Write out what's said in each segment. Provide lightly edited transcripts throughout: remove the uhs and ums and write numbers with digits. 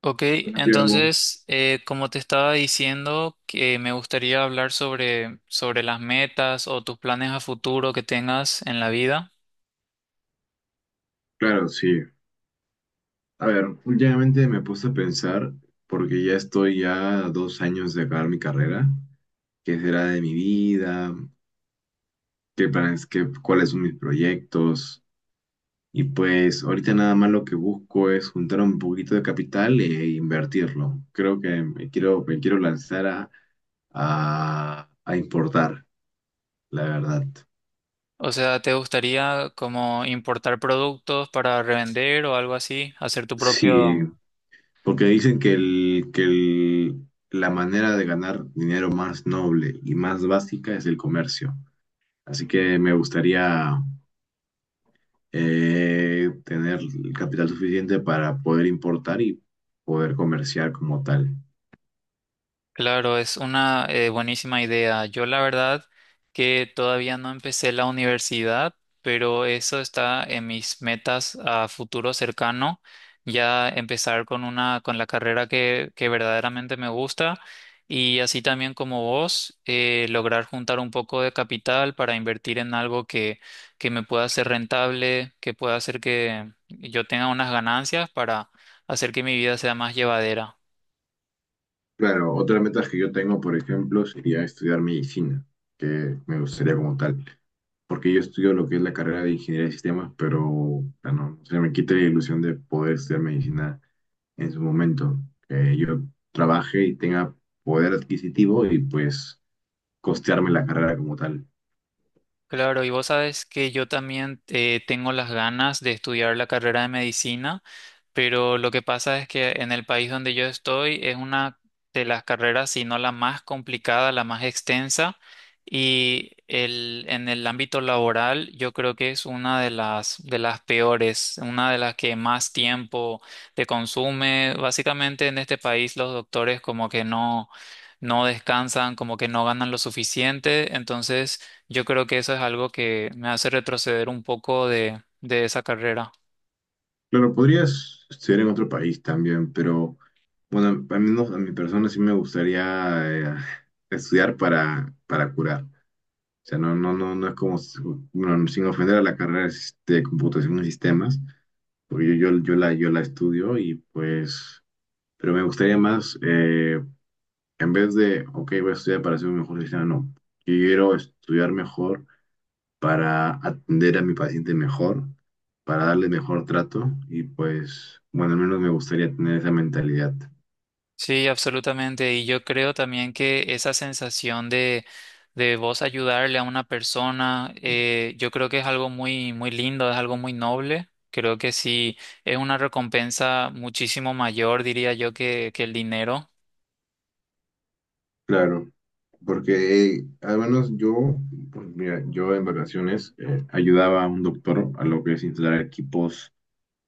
Ok, Santiago, entonces, como te estaba diciendo, que me gustaría hablar sobre las metas o tus planes a futuro que tengas en la vida. claro, sí. A ver, últimamente me puse a pensar, porque ya estoy ya a 2 años de acabar mi carrera, qué será de mi vida, qué planes, cuáles son mis proyectos. Y pues ahorita nada más lo que busco es juntar un poquito de capital e invertirlo. Creo que me quiero lanzar a, a importar, la verdad. O sea, ¿te gustaría como importar productos para revender o algo así? Hacer tu Sí, propio... porque dicen que la manera de ganar dinero más noble y más básica es el comercio. Así que me gustaría tener el capital suficiente para poder importar y poder comerciar como tal. Claro, es una buenísima idea. Yo la verdad que todavía no empecé la universidad, pero eso está en mis metas a futuro cercano, ya empezar con con la carrera que verdaderamente me gusta y así también como vos, lograr juntar un poco de capital para invertir en algo que me pueda ser rentable, que pueda hacer que yo tenga unas ganancias para hacer que mi vida sea más llevadera. Claro, otra meta que yo tengo, por ejemplo, sería estudiar medicina, que me gustaría como tal. Porque yo estudio lo que es la carrera de ingeniería de sistemas, pero bueno, se me quita la ilusión de poder estudiar medicina en su momento, que yo trabaje y tenga poder adquisitivo y pues costearme la carrera como tal. Claro, y vos sabes que yo también tengo las ganas de estudiar la carrera de medicina, pero lo que pasa es que en el país donde yo estoy es una de las carreras, si no la más complicada, la más extensa, y en el ámbito laboral yo creo que es una de las peores, una de las que más tiempo te consume. Básicamente en este país los doctores como que no, no descansan, como que no ganan lo suficiente, entonces... Yo creo que eso es algo que me hace retroceder un poco de esa carrera. Claro, podrías estudiar en otro país también, pero bueno, al menos a mi persona sí me gustaría estudiar para curar. O sea, no, no, no, no es como, bueno, sin ofender a la carrera de computación y sistemas, porque yo la estudio y pues, pero me gustaría más, en vez de, ok, voy a estudiar para ser un mejor cristiano, no. Quiero estudiar mejor para atender a mi paciente mejor, para darle mejor trato y pues, bueno, al menos me gustaría tener esa mentalidad. Sí, absolutamente. Y yo creo también que esa sensación de vos ayudarle a una persona, yo creo que es algo muy, muy lindo, es algo muy noble. Creo que sí, es una recompensa muchísimo mayor, diría yo, que el dinero. Claro, porque al menos yo, pues, mira, yo en vacaciones ayudaba a un doctor a lo que es instalar equipos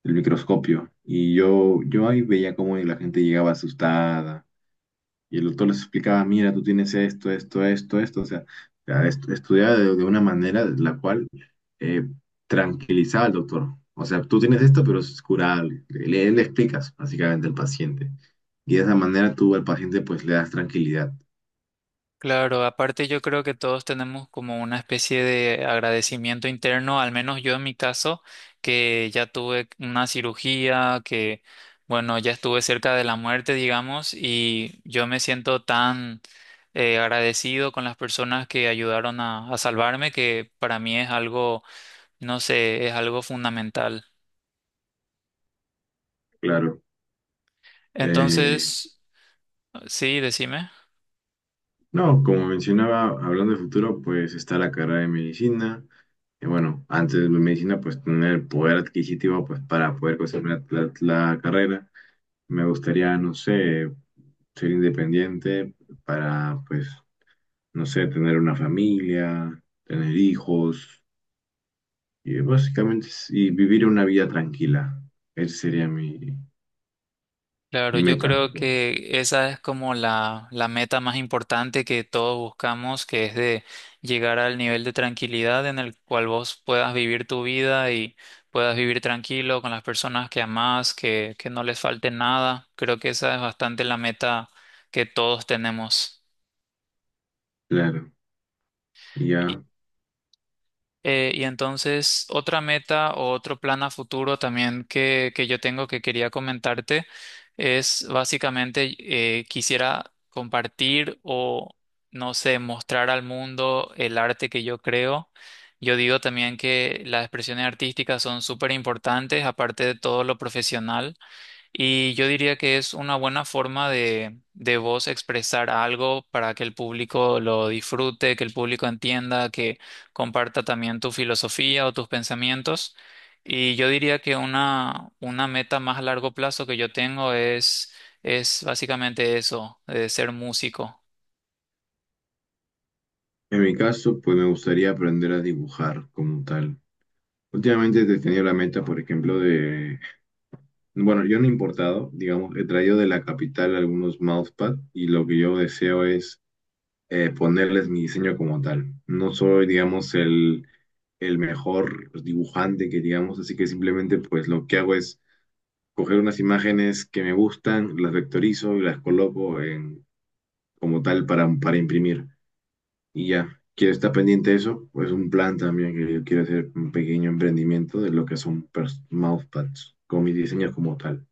del microscopio y yo ahí veía cómo la gente llegaba asustada. Y el doctor les explicaba, mira, tú tienes esto, esto, esto, esto. O sea, ya estudiaba de una manera de la cual eh, tranquilizaba al doctor. O sea, tú tienes esto, pero es curable. Le explicas básicamente al paciente. Y de esa manera tú al paciente pues le das tranquilidad. Claro, aparte yo creo que todos tenemos como una especie de agradecimiento interno, al menos yo en mi caso, que ya tuve una cirugía, que bueno, ya estuve cerca de la muerte, digamos, y yo me siento tan agradecido con las personas que ayudaron a salvarme, que para mí es algo, no sé, es algo fundamental. Claro. Eh, Entonces, sí, decime. no, como mencionaba, hablando de futuro, pues está la carrera de medicina. Y bueno, antes de medicina, pues tener el poder adquisitivo pues para poder conseguir la la- carrera. Me gustaría, no sé, ser independiente para, pues, no sé, tener una familia, tener hijos y básicamente y vivir una vida tranquila. Esa sería mi, Claro, mi yo meta, creo que esa es como la meta más importante que todos buscamos, que es de llegar al nivel de tranquilidad en el cual vos puedas vivir tu vida y puedas vivir tranquilo con las personas que amás, que no les falte nada. Creo que esa es bastante la meta que todos tenemos. claro. Y ya, Y entonces, otra meta o otro plan a futuro también que yo tengo que quería comentarte es básicamente quisiera compartir o, no sé, mostrar al mundo el arte que yo creo. Yo digo también que las expresiones artísticas son súper importantes, aparte de todo lo profesional. Y yo diría que es una buena forma de vos expresar algo para que el público lo disfrute, que el público entienda, que comparta también tu filosofía o tus pensamientos. Y yo diría que una meta más a largo plazo que yo tengo es básicamente eso, de ser músico. en mi caso, pues me gustaría aprender a dibujar como tal. Últimamente he tenido la meta, por ejemplo, bueno, yo no he importado, digamos, he traído de la capital algunos mousepad y lo que yo deseo es ponerles mi diseño como tal. No soy, digamos, el mejor pues, dibujante que digamos, así que simplemente pues lo que hago es coger unas imágenes que me gustan, las vectorizo y las coloco en, como tal para imprimir. Y ya, quiero estar pendiente de eso, pues un plan también que yo quiero hacer un pequeño emprendimiento de lo que son mousepads con mis diseños como tal.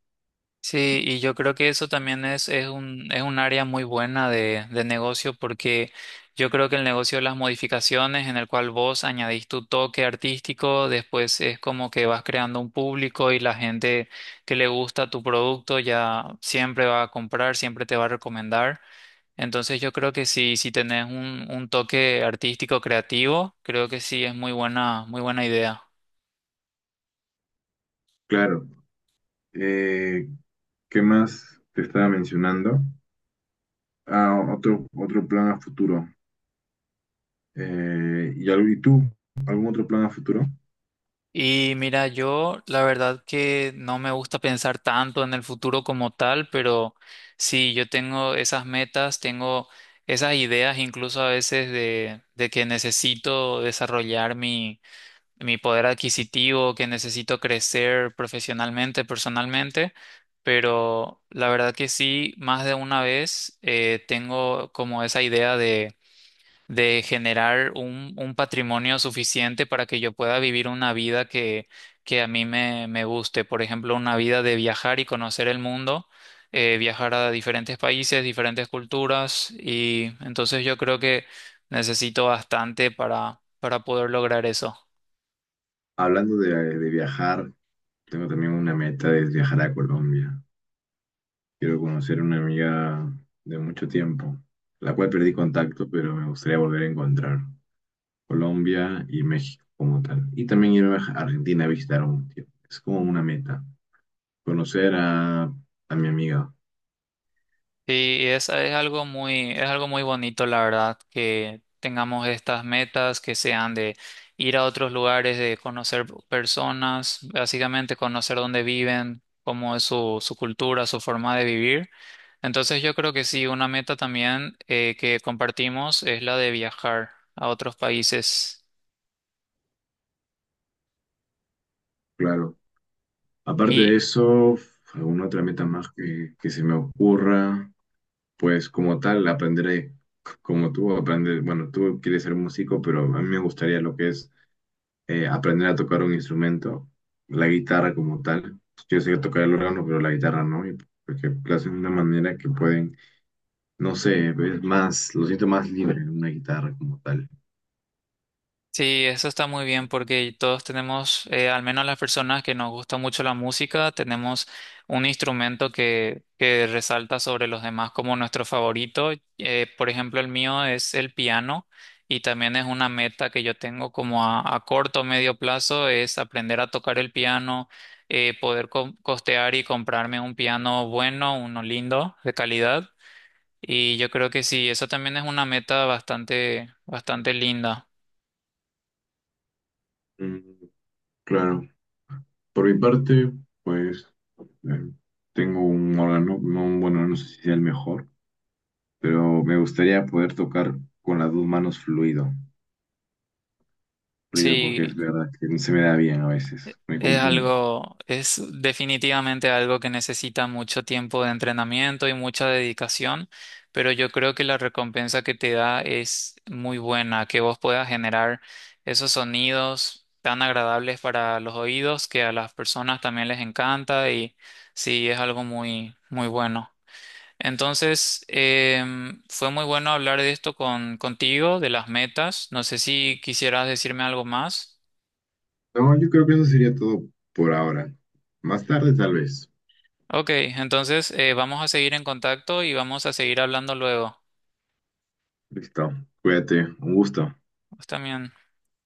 Sí, y yo creo que eso también es un área muy buena de negocio porque yo creo que el negocio de las modificaciones en el cual vos añadís tu toque artístico, después es como que vas creando un público y la gente que le gusta tu producto ya siempre va a comprar, siempre te va a recomendar. Entonces yo creo que si, si tenés un toque artístico creativo, creo que sí es muy buena idea. Claro, eh, ¿qué más te estaba mencionando? Ah, otro, otro plan a futuro. ¿Y tú, algún otro plan a futuro? Y mira, yo la verdad que no me gusta pensar tanto en el futuro como tal, pero sí, yo tengo esas metas, tengo esas ideas incluso a veces de que necesito desarrollar mi poder adquisitivo, que necesito crecer profesionalmente, personalmente, pero la verdad que sí, más de una vez tengo como esa idea de generar un patrimonio suficiente para que yo pueda vivir una vida que a mí me, me guste. Por ejemplo, una vida de viajar y conocer el mundo, viajar a diferentes países, diferentes culturas. Y entonces yo creo que necesito bastante para poder lograr eso. Hablando de viajar, tengo también una meta de viajar a Colombia. Quiero conocer una amiga de mucho tiempo, la cual perdí contacto, pero me gustaría volver a encontrar Colombia y México como tal. Y también irme a Argentina a visitar un tiempo. Es como una meta, conocer a, mi amiga, Sí, y es algo muy bonito, la verdad, que tengamos estas metas que sean de ir a otros lugares, de conocer personas, básicamente conocer dónde viven, cómo es su cultura, su forma de vivir. Entonces yo creo que sí, una meta también que compartimos es la de viajar a otros países. claro. Aparte de eso, alguna otra meta más que se me ocurra. Pues como tal, aprenderé, como tú, aprender, bueno, tú quieres ser músico, pero a mí me gustaría lo que es aprender a tocar un instrumento, la guitarra como tal. Yo sé tocar el órgano, pero la guitarra no, y porque lo hacen de una manera que pueden, no sé, es más, lo siento más libre en una guitarra como tal. Sí, eso está muy bien porque todos tenemos, al menos las personas que nos gusta mucho la música, tenemos un instrumento que resalta sobre los demás como nuestro favorito. Por ejemplo, el mío es el piano y también es una meta que yo tengo como a corto o medio plazo, es aprender a tocar el piano, poder costear y comprarme un piano bueno, uno lindo, de calidad. Y yo creo que sí, eso también es una meta bastante, bastante linda. Mm, claro, por mi parte, pues eh, tengo un órgano, no, bueno, no sé si sea el mejor, pero me gustaría poder tocar con las dos manos fluido ruido porque es Sí, verdad que no se me da bien a veces, me es confundo. algo, es definitivamente algo que necesita mucho tiempo de entrenamiento y mucha dedicación, pero yo creo que la recompensa que te da es muy buena, que vos puedas generar esos sonidos tan agradables para los oídos que a las personas también les encanta y sí, es algo muy, muy bueno. Entonces, fue muy bueno hablar de esto con, contigo, de las metas. No sé si quisieras decirme algo más. No, yo creo que eso sería todo por ahora. Más tarde, tal vez. Ok, entonces vamos a seguir en contacto y vamos a seguir hablando luego. Listo, cuídate, un gusto. Vos también.